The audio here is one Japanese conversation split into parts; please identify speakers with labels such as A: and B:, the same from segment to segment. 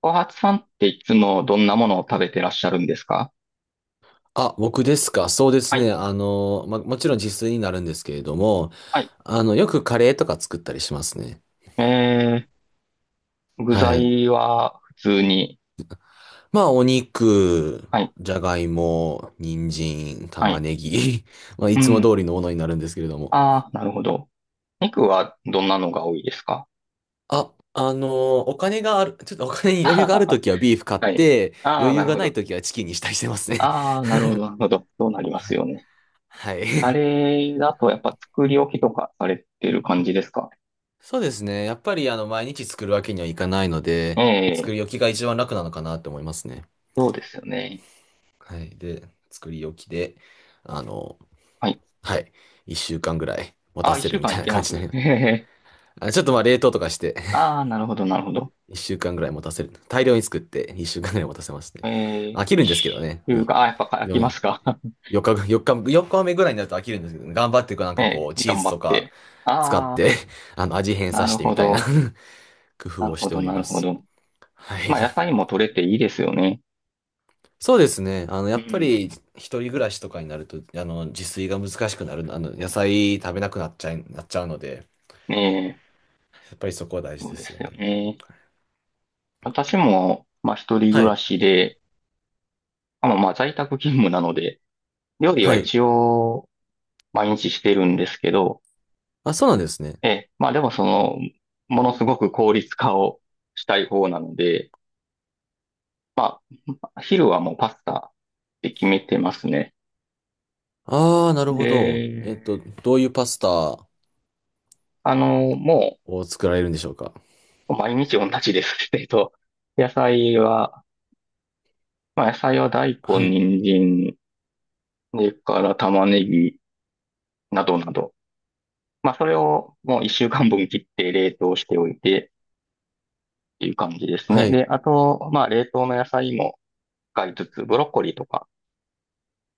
A: 小初さんっていつもどんなものを食べてらっしゃるんですか？
B: あ、僕ですか。そうです
A: はい、
B: ね。もちろん自炊になるんですけれども、
A: はい。
B: よくカレーとか作ったりしますね。
A: え具
B: はい。
A: 材は普通に。
B: まあ、お肉、
A: はい、
B: じゃがいも、人参、
A: は
B: 玉
A: い。
B: ねぎ、まあ、い
A: う
B: つも
A: ん。
B: 通りのものになるんですけれども。
A: ああ、なるほど。肉はどんなのが多いですか？
B: あ、お金がある、ちょっとお金に余裕がある
A: あー
B: ときはビーフ買 っ
A: はい。
B: て、
A: ああ、
B: 余裕
A: なる
B: が
A: ほ
B: ない
A: ど。
B: ときはチキンにしたりしてますね。
A: ああ、なるほど、なるほど。そうなりますよね。
B: はい。
A: あれだとやっぱ作り置きとかされてる感じですか？
B: そうですね。やっぱり、毎日作るわけにはいかないの
A: え
B: で、
A: え、
B: 作り置きが一番楽なのかなって思いますね。
A: そうですよね。
B: はい。で、作り置きで、あの、
A: はい。
B: はい。一週間ぐらい持
A: あ
B: た
A: あ、一
B: せる
A: 週
B: み
A: 間
B: た
A: い
B: いな
A: け
B: 感
A: ます。
B: じになり
A: へ
B: ま
A: へ
B: す。
A: へ。
B: あ、ちょっとまあ冷凍とかして
A: ああ、なるほど、なるほど。
B: 一週間ぐらい持たせる。大量に作って一週間ぐらい持たせますね。
A: えー、
B: 飽き
A: 一
B: るんですけどね。
A: 週
B: い
A: が、あ、やっぱ書き
B: よ
A: ますか？
B: 4日ぐ、日、4日目ぐらいになると飽きるんですけどね、頑張ってこうなん かこう、チー
A: 頑
B: ズ
A: 張
B: と
A: っ
B: か
A: て。
B: 使っ
A: ああ、
B: て 味変
A: な
B: さ
A: る
B: せてみ
A: ほ
B: たいな
A: ど。
B: 工
A: な
B: 夫
A: る
B: をし
A: ほ
B: てお
A: ど、
B: り
A: なる
B: ま
A: ほ
B: す。
A: ど。
B: はい。
A: まあ、野菜も取れていいですよね。
B: そうですね。や
A: う
B: っぱ
A: ん。
B: り、一人暮らしとかになると、自炊が難しくなる、野菜食べなくなっちゃうので、
A: ねえ、
B: やっぱりそこは大事
A: そう
B: で
A: で
B: すよ
A: すよ
B: ね。
A: ね。私も、まあ、一人
B: は
A: 暮ら
B: い。
A: しで、あ、まあ在宅勤務なので、料理は
B: はい。
A: 一応、毎日してるんですけど、
B: あ、そうなんですね。
A: ええ、まあ、でもその、ものすごく効率化をしたい方なので、まあ、昼はもうパスタって決めてますね。
B: ああ、なるほど。
A: で、
B: どういうパスタ
A: も
B: を作られるんでしょうか。
A: う、毎日同じです。野菜は、まあ野菜は大
B: は
A: 根、
B: い。
A: 人参、それから玉ねぎなどなど。まあそれをもう一週間分切って冷凍しておいてっていう感じです
B: は
A: ね。
B: い。
A: で、あと、まあ冷凍の野菜も使いつつ、ブロッコリーとか、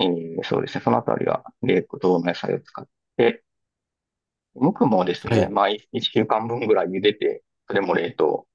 A: そうですね、そのあたりは冷凍の野菜を使って、無くもです
B: は
A: ね、
B: い。
A: まあ一週間分ぐらい茹でて、それも冷凍。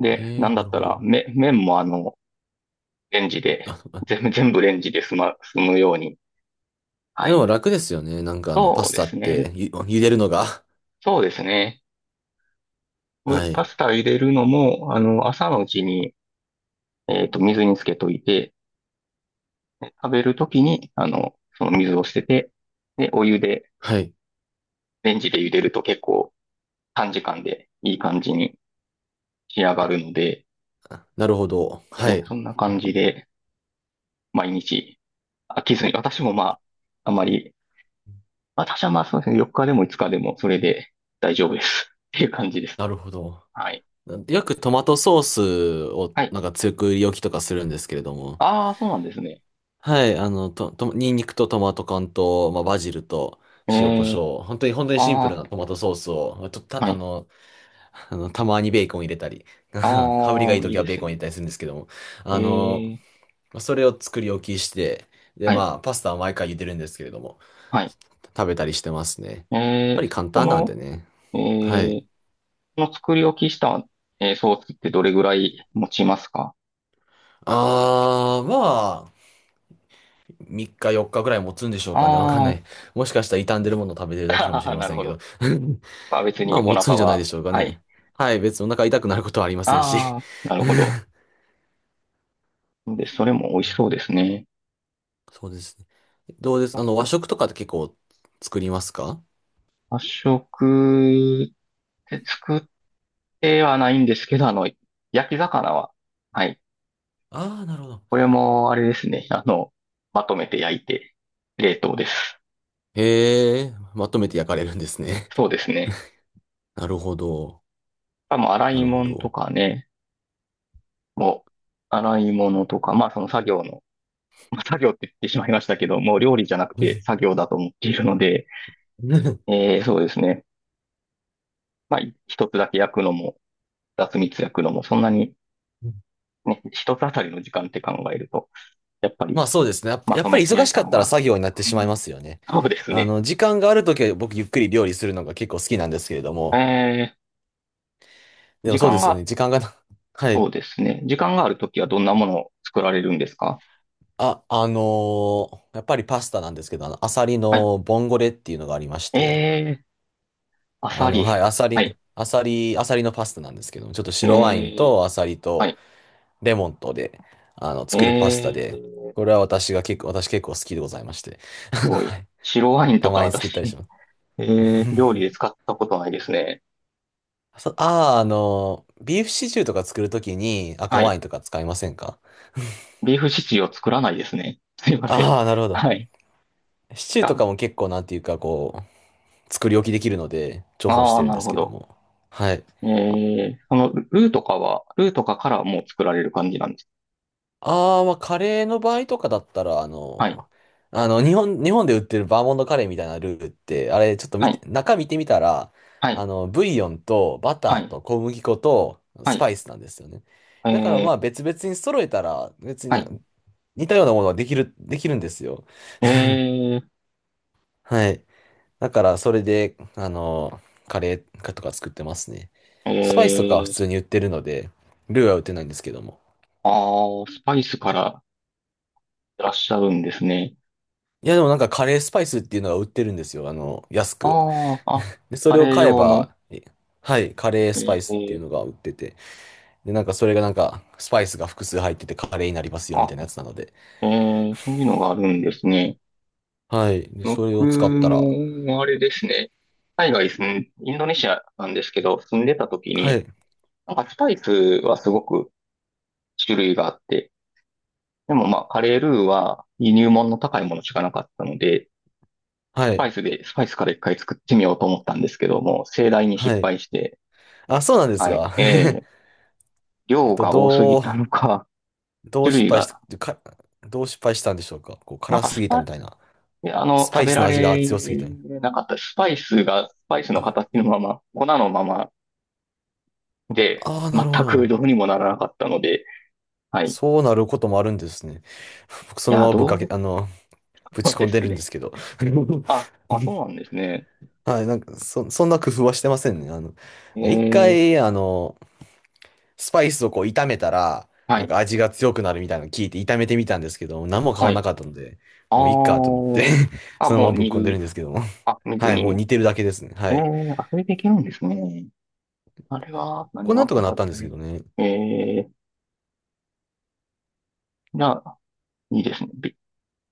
A: で、な
B: ええ、
A: んだ
B: な
A: っ
B: る
A: た
B: ほ
A: ら、
B: ど。
A: 麺もレンジで、
B: あ、あ
A: 全部レンジで済むように。は
B: で
A: い。
B: も楽ですよね。なんかパ
A: そう
B: ス
A: で
B: タっ
A: す
B: て
A: ね。
B: 茹でるのが。
A: そうですね。
B: は
A: パ
B: い。
A: スタ入れるのも、朝のうちに、水につけといて、で食べるときに、その水を捨てて、で、お湯で、
B: はい。
A: レンジで茹でると結構短時間でいい感じに仕上がるので、
B: あなるほど。は
A: ね、
B: い。
A: そんな感じで毎日飽きずに、私もまあ、あまり、私はまあそうですね、4日でも5日でもそれで大丈夫です。っていう感じです。
B: なるほど。
A: はい。
B: よくトマトソースを
A: はい。
B: なんか強く売り置きとかするんですけれども。
A: ああ、そうなんですね。
B: はい、あの、と、と、ニンニクとトマト缶と、まあ、バジルと
A: え
B: 塩コシ
A: え、
B: ョウ。本当に、本当にシンプル
A: あ
B: なトマトソースを、と、
A: あ、
B: た、
A: は
B: あ
A: い。
B: の、たまにベーコン入れたり、羽振りがい
A: あ
B: い
A: あ、いい
B: 時は
A: で
B: ベー
A: す
B: コン入
A: ね。
B: れたりするんですけども。あ
A: え
B: の、
A: え、
B: まあそれを作り置きして、で、
A: はい、
B: まあ、パスタは毎回茹でるんですけれども、
A: はい。
B: 食べたりしてますね。
A: え
B: やっぱ
A: え、
B: り簡
A: そ
B: 単なんで
A: の、
B: ね。は
A: え
B: い。
A: え、その作り置きした、ソースってどれぐらい持ちますか？
B: まあ、3日4日ぐらい持つんでしょう
A: あ
B: かね。わかんな
A: ー
B: い。もしかしたら傷んでるものを食べてるだけかもし
A: あ
B: れ
A: ー、
B: ま
A: なる
B: せん
A: ほ
B: けど。
A: ど。まあ別
B: まあ
A: にお
B: 持つん
A: 腹
B: じゃないで
A: は、
B: しょうか
A: はい。
B: ね。はい、別にお腹痛くなることはありませんし。
A: ああ、なるほど。で、それも美味しそうですね。
B: そうですね。どうです和食とかって結構作りますか？
A: 発色って作ってはないんですけど、焼き魚は、はい、
B: ああー、なるほど。
A: これも、あれですね。まとめて焼いて、冷凍です。
B: へえ、まとめて焼かれるんですね。
A: そうですね。
B: なるほど。
A: あ、洗
B: な
A: い
B: るほ
A: 物と
B: ど。
A: かね、もう、洗い物とか、まあその作業の、まあ、作業って言ってしまいましたけど、もう料理じゃなくて作業だと思っているので、そうですね。まあ、一つだけ焼くのも、二つ三つ焼くのも、そんなに、ね、一つあたりの時間って考えると、やっぱり、
B: まあそうですね。
A: ま
B: やっ
A: と
B: ぱ
A: め
B: り
A: て
B: 忙
A: 焼い
B: しか
A: た
B: っ
A: 方
B: たら
A: が、
B: 作業になって
A: う
B: しまい
A: ん、
B: ますよね。
A: そうですね。
B: 時間があるときは僕ゆっくり料理するのが結構好きなんですけれども、
A: えー、
B: で
A: 時
B: もそうで
A: 間
B: すよ
A: が
B: ね。時間がな、は
A: そ
B: い。
A: うですね。時間があるときはどんなものを作られるんですか？
B: あ、やっぱりパスタなんですけど、アサリ
A: はい。
B: のボンゴレっていうのがありまして、
A: えー、アサ
B: はい、
A: リ。はい。
B: アサリのパスタなんですけど、ちょっと
A: え
B: 白ワイン
A: ー、
B: とアサリ
A: は
B: と
A: い。
B: レモンとで、作るパスタ
A: え
B: で、
A: ー、
B: これは私結構好きでございまして、
A: すご
B: は
A: い。
B: い。
A: 白ワイン
B: た
A: とか
B: まに作ったりし
A: 私、
B: ます。
A: え料理で使ったことないですね。
B: そああ、あのー、ビーフシチューとか作るときに赤
A: は
B: ワ
A: い。
B: インとか使いませんか？
A: ビーフシチューを作らないですね。すいません。
B: ああー、なるほど。
A: はい。
B: シチューと
A: あ、
B: かも結構なんていうか作り置きできるので、重宝し
A: あ
B: て
A: ー、
B: るん
A: な
B: で
A: る
B: す
A: ほ
B: けど
A: ど。
B: も。はい。
A: えルーとかからもう作られる感じなんです。
B: ああ、まあ、カレーの場合とかだったら、
A: はい。
B: 日本で売ってるバーモントカレーみたいなルーって、あれ、ちょっと
A: は
B: 見て、
A: い。
B: 中見てみたら、
A: はい。
B: ブイヨンとバ
A: は
B: ター
A: い。
B: と小麦粉と
A: は
B: ス
A: い。
B: パイスなんですよね。
A: え
B: だからま
A: ー、
B: あ別々に揃えたら、別に
A: は
B: な
A: い。
B: 似たようなものができる、んですよ。
A: え
B: はい。だからそれで、カレーとか作ってますね。
A: ー、
B: スパイスとかは普
A: えー
B: 通に売ってるので、ルーは売ってないんですけども。
A: ああ、スパイスからいらっしゃるんですね。
B: いや、でもなんかカレースパイスっていうのが売ってるんですよ。安く。
A: ああ、あ、
B: で、そ
A: カ
B: れを
A: レー
B: 買え
A: 用の。
B: ば、はい、カレースパイ
A: え
B: スっていう
A: ー、
B: のが売ってて。で、なんかそれがなんか、スパイスが複数入っててカレーになりますよ、み
A: あ、
B: たいなやつなので。
A: そういうのがあるんですね。
B: はい。で、それ
A: 僕
B: を使ったら、
A: も、あれですね。海外住ん、インドネシアなんですけど、住んでた時
B: は
A: に、
B: い、
A: なんかスパイスはすごく種類があって、でもまあ、カレールーは輸入物の高いものしかなかったので、
B: はい、
A: スパイスから一回作ってみようと思ったんですけども、盛大に失
B: はい。
A: 敗して、
B: あ、そうなんです
A: はい、
B: が。えっ
A: 量
B: と、
A: が多すぎ
B: どう、
A: たのか、
B: どう
A: 種
B: 失
A: 類
B: 敗し
A: が、
B: た、か、どう失敗したんでしょうか。こう、
A: なん
B: 辛
A: か
B: す
A: ス
B: ぎた
A: パ、
B: み
A: い
B: たいな。
A: や
B: スパ
A: 食
B: イ
A: べ
B: ス
A: ら
B: の味が強すぎ
A: れ
B: たみたい
A: なかった。スパイスの形
B: な。
A: のまま、粉のままで、
B: ああー、な
A: 全
B: るほ
A: く
B: ど。
A: どうにもならなかったので、はい。い
B: そうなることもあるんですね。僕、そのま
A: や、
B: まぶっかけ、
A: ど
B: あの、ぶ
A: う
B: ち込
A: で
B: んで
A: す
B: るんで
A: ね。
B: すけど。
A: あ、そうなんですね。
B: はい、なんか、そんな工夫はしてませんね。
A: え
B: 一
A: ー、
B: 回、スパイスをこう炒めたら、
A: は
B: なん
A: い、
B: か味が強くなるみたいなの聞いて炒めてみたんですけど、何も変
A: は
B: わらな
A: い。
B: かったので、
A: あ
B: もういいかと思っ
A: ー、
B: て
A: あ、
B: そのま
A: も
B: ま
A: う
B: ぶっ
A: 煮
B: 込んでるん
A: る。
B: ですけども。
A: あ、水
B: はい、も
A: に。
B: う煮てるだけですね。はい。
A: あ、それでいけるんですね。あれは、
B: こ
A: 何
B: れ
A: が
B: なん
A: あ
B: と
A: か
B: か
A: ん
B: な
A: か
B: っ
A: っ
B: たんで
A: た
B: すけ
A: ね。
B: どね。
A: えー、じゃあ、いいですね。ビ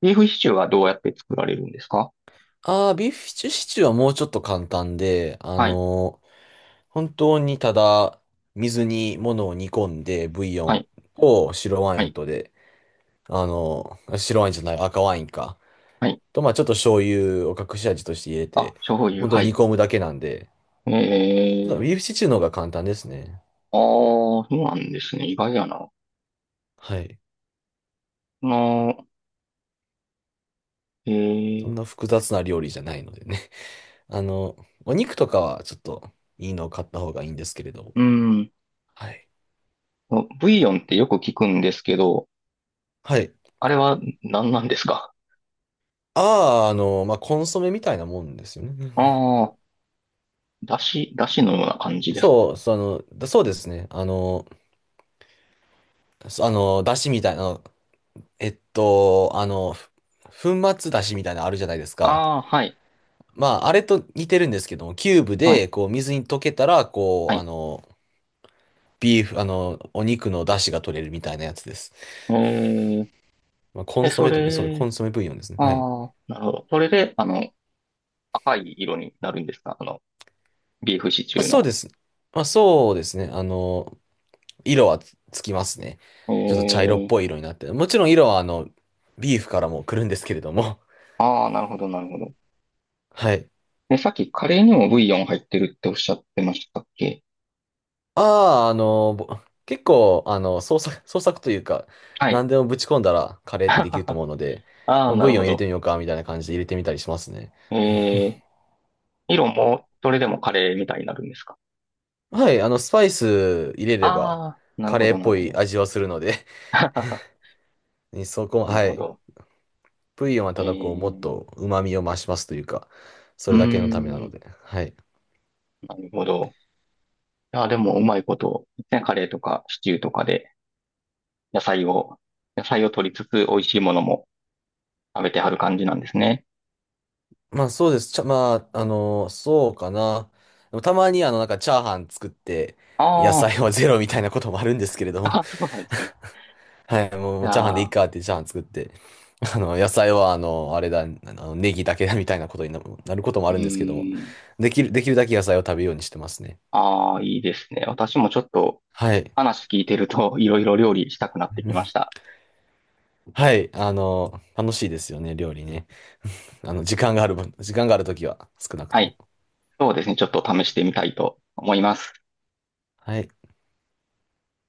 A: ビーフシチューはどうやって作られるんですか？
B: ビーフシチューはもうちょっと簡単で、
A: はい、
B: 本当にただ、水に物を煮込んで、ブイヨ
A: は
B: ン
A: い、
B: と白ワ
A: は
B: イン
A: い。
B: とで、白ワインじゃない、赤ワインか。
A: はい
B: と、まあちょっと醤油を隠し味として入れ
A: あ、
B: て、
A: 醤油、
B: 本当に
A: は
B: 煮
A: い。
B: 込むだけなんで、ちょっと
A: ええ、
B: ビーフシチューの方が簡単ですね。
A: ああ、そうなんですね。意外やな。
B: はい。
A: の、え
B: そんな
A: え、
B: 複雑な料理じゃないのでね。あの、お肉とかはちょっといいのを買った方がいいんですけれども。
A: うん。
B: はい。
A: ブイヨンってよく聞くんですけど、
B: はい。
A: あれは何なんですか？
B: ああ、まあコンソメみたいなもんですよね。
A: ああ、だしのような感じですか？
B: そう、だそうですね。あの、そあの、だしみたいな、えっと、あの、粉末だしみたいなのあるじゃないですか。
A: ああはい、
B: まあ、あれと似てるんですけども、キューブ
A: はい、
B: で、こう、水に溶けたら、
A: は
B: こう、
A: い。
B: ビーフ、あの、お肉の出汁が取れるみたいなやつです。
A: ええ
B: まあ、コン
A: で、
B: ソ
A: そ
B: メとも、そう、コ
A: れ、
B: ンソメブイヨンですね。はい。ま
A: ああ、なるほど。それで、赤い色になるんですか？ビーフシチ
B: あ、
A: ュー
B: そう
A: の。
B: です。まあ、そうですね。色はつきますね。
A: え
B: ちょっと茶色っ
A: え、
B: ぽい色になって。もちろん色は、ビーフからも来るんですけれども。
A: ああ、なるほど、なるほど。
B: はい。
A: で、さっきカレーにもブイヨン入ってるっておっしゃってましたっけ？
B: ああ、結構、創作というか、
A: はい。
B: 何でもぶち込んだらカレーってできると思うので、
A: ああ、
B: まあ
A: な
B: ブイ
A: る
B: ヨ
A: ほ
B: ン入れて
A: ど。
B: みようか、みたいな感じで入れてみたりしますね。
A: ええ、色も、それでもカレーみたいになるんですか？
B: はい、スパイス入れれば、
A: ああー、なる
B: カ
A: ほ
B: レー
A: ど、
B: っ
A: なる
B: ぽ
A: ほ
B: い
A: ど。
B: 味はするので そ
A: な
B: こ
A: る
B: は。
A: ほど。
B: ブイヨンは
A: え
B: ただこう、もっ
A: え、
B: と旨味を増しますというか、そ
A: う
B: れだけのためな
A: ー
B: の
A: ん、
B: で。はい。
A: なるほど。いや、でも、うまいこと、ね、カレーとかシチューとかで、野菜を、野菜を取りつつ、美味しいものも食べてはる感じなんですね。
B: まあ、そうです。まあ、そうかな。でもたまに、なんか、チャーハン作って、野
A: あ
B: 菜はゼロみたいなこともあるんですけれど
A: あ、
B: も。
A: あそうなんですね。い
B: はい、も
A: や
B: うチャーハンでいい
A: ー、
B: かってチャーハン作って、野菜は、あれだ、ネギだけだみたいなことになることもあ
A: う
B: るんですけども、
A: ーん、
B: できるだけ野菜を食べようにしてますね。
A: ああ、いいですね。私もちょっと、
B: はい。
A: 話聞いてると、いろいろ料理したくなってきまし た。
B: はい。楽しいですよね、料理ね。時間がある分、時間があるときは、少なく
A: は
B: とも。
A: い。そうですね。ちょっと試してみたいと思います。
B: はい。